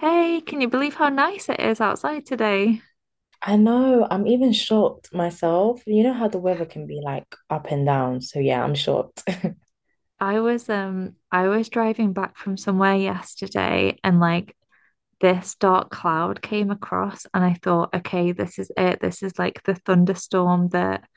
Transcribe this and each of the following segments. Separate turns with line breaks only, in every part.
Hey, can you believe how nice it is outside today?
I know, I'm even shocked myself. You know how the weather can be like up and down. So yeah, I'm shocked.
I was driving back from somewhere yesterday and like this dark cloud came across and I thought, okay, this is it. This is like the thunderstorm that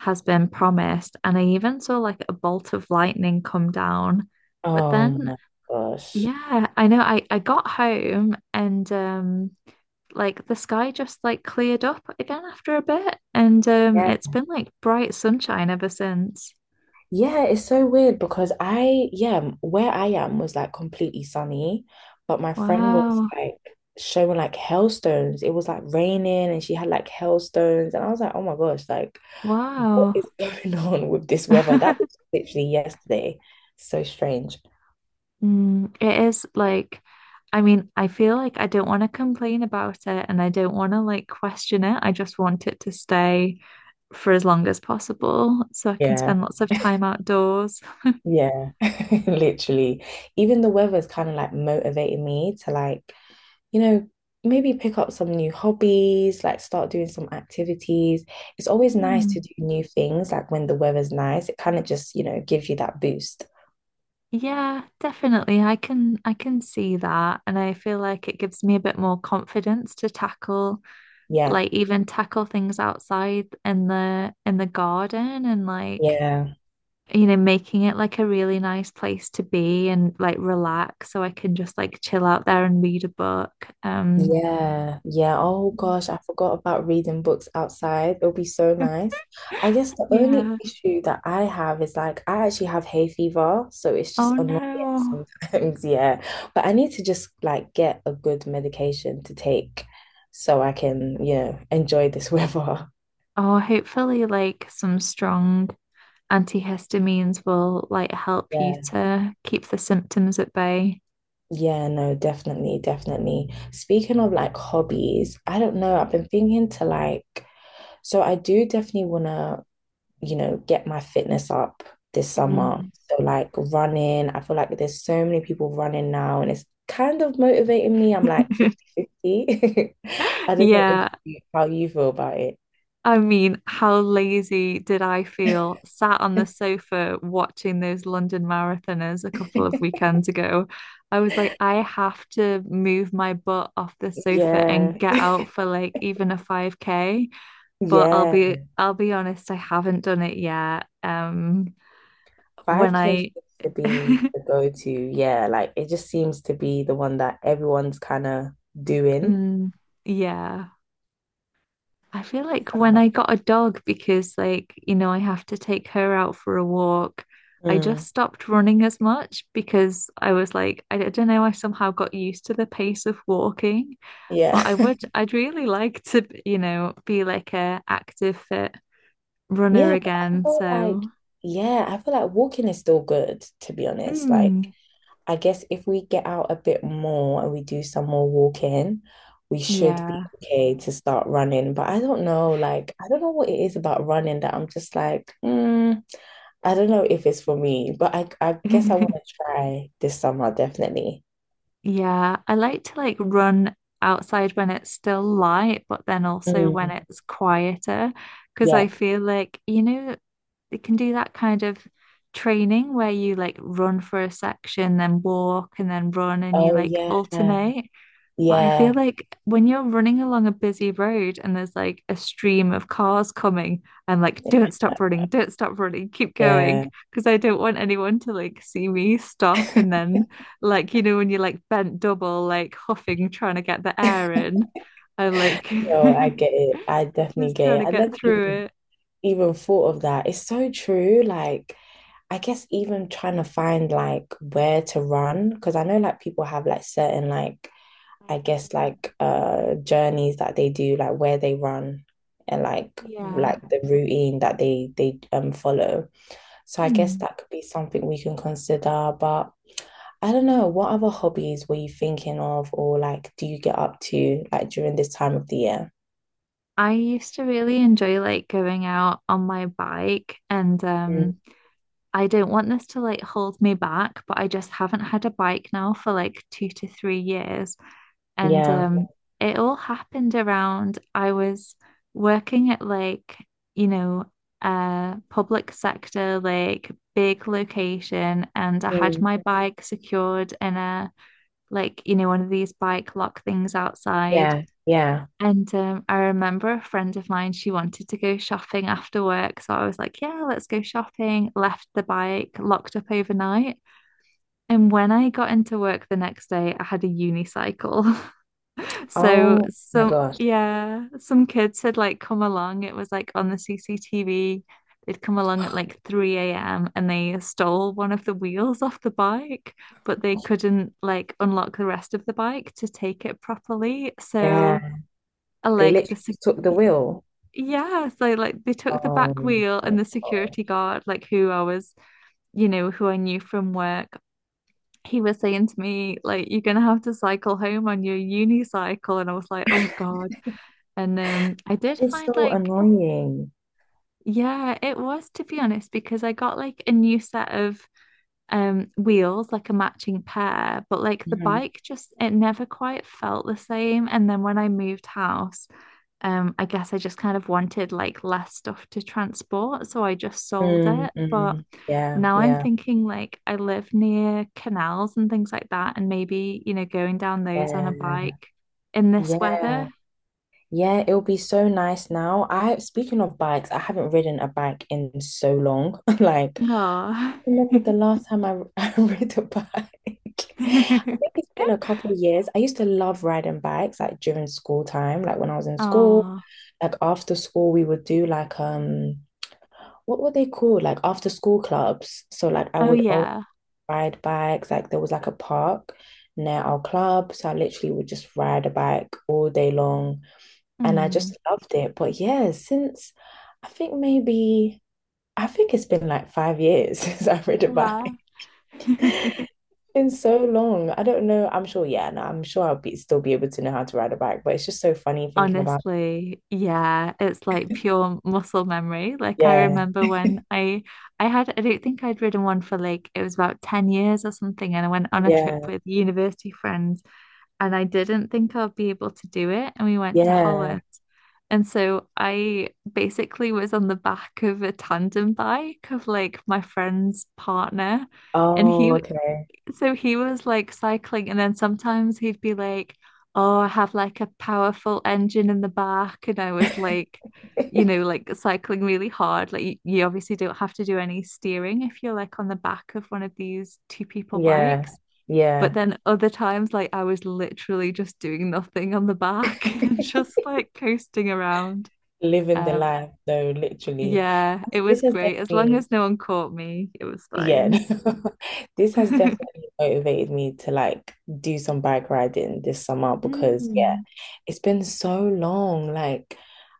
has been promised. And I even saw like a bolt of lightning come down. But
Oh
then,
my gosh.
yeah, I know I got home and Like the sky just like cleared up again after a bit and
Yeah.
it's been like bright sunshine ever since.
Yeah, it's so weird because, where I am was like completely sunny, but my friend was
Wow.
like showing like hailstones. It was like raining and she had like hailstones. And I was like, oh my gosh, like what
Wow.
is going on with this weather? That was literally yesterday. So strange.
It is like, I mean, I feel like I don't want to complain about it and I don't want to like question it. I just want it to stay for as long as possible so I can
Yeah.
spend lots of time outdoors.
Yeah, literally. Even the weather's kind of like motivating me to like, you know, maybe pick up some new hobbies, like start doing some activities. It's always nice to
Mm,
do new things, like when the weather's nice, it kind of just, you know, gives you that boost.
yeah, definitely. I can see that and I feel like it gives me a bit more confidence to tackle
Yeah.
like even tackle things outside in the garden and like
Yeah.
you know, making it like a really nice place to be and like relax so I can just like chill out there and read a book. Um,
Yeah, yeah. Oh gosh, I forgot about reading books outside. It'll be so nice. I guess the only
yeah.
issue that I have is like I actually have hay fever, so it's just
Oh
annoying
no.
sometimes. Yeah, but I need to just like get a good medication to take so I can, you know, enjoy this weather.
Oh, hopefully like some strong antihistamines will like help you
Yeah.
to keep the symptoms at bay.
Yeah, no, definitely, definitely. Speaking of like hobbies, I don't know. I've been thinking to like, so I do definitely want to, you know, get my fitness up this summer.
Mm.
So, like running, I feel like there's so many people running now, and it's kind of motivating me. I'm like 50-50. I am like 50-50. I do not know if
Yeah,
you, how you feel about it.
I mean, how lazy did I feel sat on the sofa watching those London marathoners a couple of weekends ago? I was like, I have to move my butt off the sofa
Yeah,
and get out for like even a 5K. But I'll
yeah.
be I'll be honest, I haven't done it yet. When
5K
I
seems to be the go-to. Yeah, like it just seems to be the one that everyone's kind of doing.
Mm, yeah. I feel
It's
like
the
when I
hub.
got a dog, because like, you know, I have to take her out for a walk, I just
Mm,
stopped running as much because I was like, I don't know, I somehow got used to the pace of walking,
yeah.
but I would, I'd really like to, you know, be like a active fit runner
Yeah, but I
again.
feel like,
So,
yeah, I feel like walking is still good, to be honest. Like,
mm,
I guess if we get out a bit more and we do some more walking, we should be
yeah.
okay to start running. But I don't know, like, I don't know what it is about running that I'm just like, I don't know if it's for me, but I guess I want to try this summer, definitely.
Yeah, I like to like run outside when it's still light, but then also when
Mm,
it's quieter, because I
yeah.
feel like, you know, you can do that kind of training where you like run for a section, then walk, and then run, and you
Oh,
like
yeah.
alternate. But I feel
Yeah.
like when you're running along a busy road and there's like a stream of cars coming, I'm like, don't stop running, keep going.
Yeah.
Because I don't want anyone to like see me stop. And then, like, you know, when you're like bent double, like huffing, trying to get the air in, I'm like
No, I get it. I definitely
just
get
trying
it.
to
I
get
never
through
even
it.
even thought of that. It's so true. Like, I guess even trying to find like where to run, because I know like people have like certain like I guess
Mm.
like journeys that they do, like where they run and like
Yeah.
like the routine that they follow. So I guess
Hmm.
that could be something we can consider. But I don't know, what other hobbies were you thinking of or like do you get up to like during this time of the year?
I used to really enjoy like going out on my bike and
Mm,
um I don't want this to like hold me back, but I just haven't had a bike now for like 2 to 3 years. And
yeah.
It all happened around I was working at like, you know, a public sector, like big location, and I had
Mm,
my bike secured in a like, you know, one of these bike lock things outside.
yeah. Yeah.
And I remember a friend of mine, she wanted to go shopping after work. So I was like, yeah, let's go shopping. Left the bike locked up overnight. And when I got into work the next day, I had a unicycle. So
Oh my
some,
gosh.
yeah, some kids had like come along. It was like on the CCTV. They'd come along at like 3 a.m. and they stole one of the wheels off the bike, but they couldn't like unlock the rest of the bike to take it properly.
Yeah.
So I
They
like the
literally
sec-
took the wheel.
yeah, so like they took the back
Oh
wheel and
my
the
God.
security guard, like who I was, you know, who I knew from work, he was saying to me, like, you're gonna have to cycle home on your unicycle. And I was like, oh God. And I did
It's
find
so
like,
annoying.
yeah, it was to be honest, because I got like a new set of wheels, like a matching pair, but like the
Mhm.
bike just it never quite felt the same. And then when I moved house, um, I guess I just kind of wanted like less stuff to transport, so I just sold
mm
it. But
mm. Yeah,
now I'm
yeah,
thinking like I live near canals and things like that, and maybe, you know, going down those on a
yeah,
bike in this weather.
yeah, yeah. It'll be so nice now. Speaking of bikes, I haven't ridden a bike in so long. Like,
Oh.
remember the last time I rode a bike. I think it's been a couple of years. I used to love riding bikes like during school time, like when I was in school,
Oh.
like after school we would do like what were they called? Like after school clubs. So like I
Oh
would always
yeah.
ride bikes. Like there was like a park near our club. So I literally would just ride a bike all day long. And I
Hmm.
just loved it. But yeah, since I think maybe I think it's been like 5 years since I rode a
Wow.
bike. Been so long. I don't know. I'm sure, yeah, no, I'm sure I'll be still be able to know how to ride a bike, but it's just so funny thinking about it.
Honestly, yeah, it's like pure muscle memory. Like I
Yeah,
remember when I don't think I'd ridden one for like it was about 10 years or something and I went on a trip
yeah,
with university friends and I didn't think I'd be able to do it and we went to
yeah.
Holland. And so I basically was on the back of a tandem bike of like my friend's partner and
Oh,
he
okay.
so he was like cycling, and then sometimes he'd be like, oh, I have like a powerful engine in the back. And I was like, you know, like cycling really hard. Like, you obviously don't have to do any steering if you're like on the back of one of these two people
Yeah,
bikes. But
yeah.
then other times, like, I was literally just doing nothing on the back and just like coasting around.
Living the
Um,
life though, literally.
yeah, it was
This has
great. As long
definitely
as no one caught me, it was
yeah,
fine.
this has definitely motivated me to like do some bike riding this summer because yeah,
Mm.
it's been so long. Like,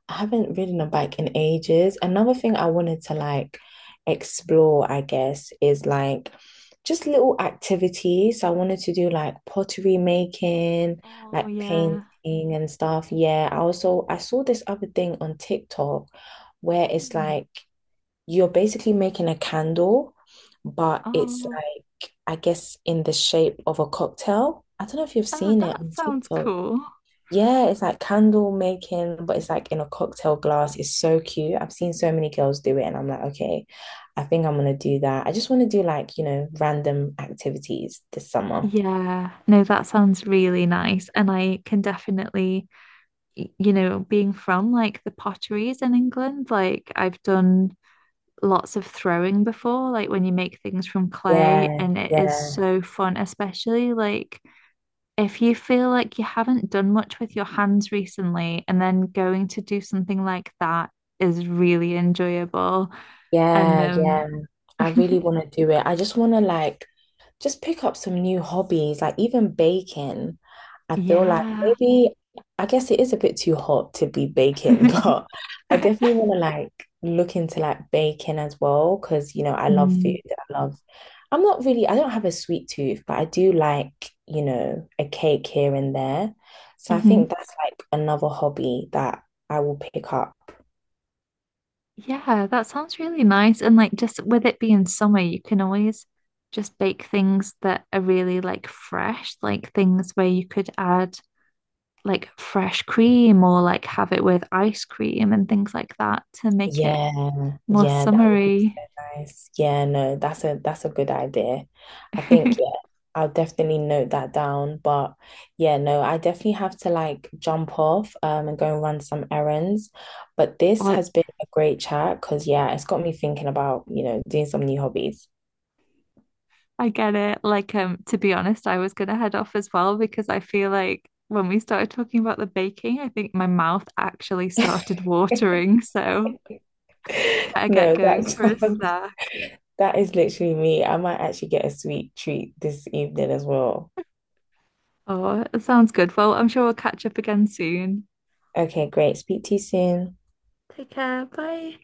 I haven't ridden a bike in ages. Another thing I wanted to like explore, I guess, is like just little activities. So I wanted to do like pottery making,
Oh,
like
yeah.
painting and stuff. Yeah, I also I saw this other thing on TikTok where it's
Hmm.
like you're basically making a candle, but it's
Oh,
like, I guess, in the shape of a cocktail. I don't know if you've
oh,
seen it
that
on
sounds
TikTok.
cool.
Yeah, it's like candle making, but it's like in a cocktail glass. It's so cute. I've seen so many girls do it, and I'm like, okay, I think I'm gonna do that. I just want to do like, you know, random activities this summer.
Yeah, no, that sounds really nice. And I can definitely, y- you know, being from like the potteries in England, like I've done lots of throwing before, like when you make things from clay,
Yeah,
and it is
yeah,
so fun, especially like if you feel like you haven't done much with your hands recently, and then going to do something like that is really enjoyable. And
yeah, yeah. I really want to do it. I just want to like just pick up some new hobbies, like even baking. I feel like
yeah.
maybe, I guess it is a bit too hot to be baking, but I definitely want to like look into like baking as well because, you know, I love food.
Mm.
I love, I'm not really, I don't have a sweet tooth, but I do like, you know, a cake here and there. So I
Hmm.
think that's like another hobby that I will pick up.
Yeah, that sounds really nice. And like just with it being summer, you can always just bake things that are really like fresh, like things where you could add like fresh cream or like have it with ice cream and things like that to make it
Yeah,
more
yeah, that would be
summery.
nice. Yeah, no, that's a good idea. I think yeah, I'll definitely note that down. But yeah, no, I definitely have to like jump off and go and run some errands. But this
Or
has been a great chat because yeah, it's got me thinking about, you know, doing some new hobbies.
I get it. Like to be honest, I was gonna head off as well because I feel like when we started talking about the baking, I think my mouth actually started watering. So better get
No,
going
that
for a
sounds,
snack.
that is literally me. I might actually get a sweet treat this evening as well.
Oh, it sounds good. Well, I'm sure we'll catch up again soon.
Okay, great. Speak to you soon.
Take care. Bye.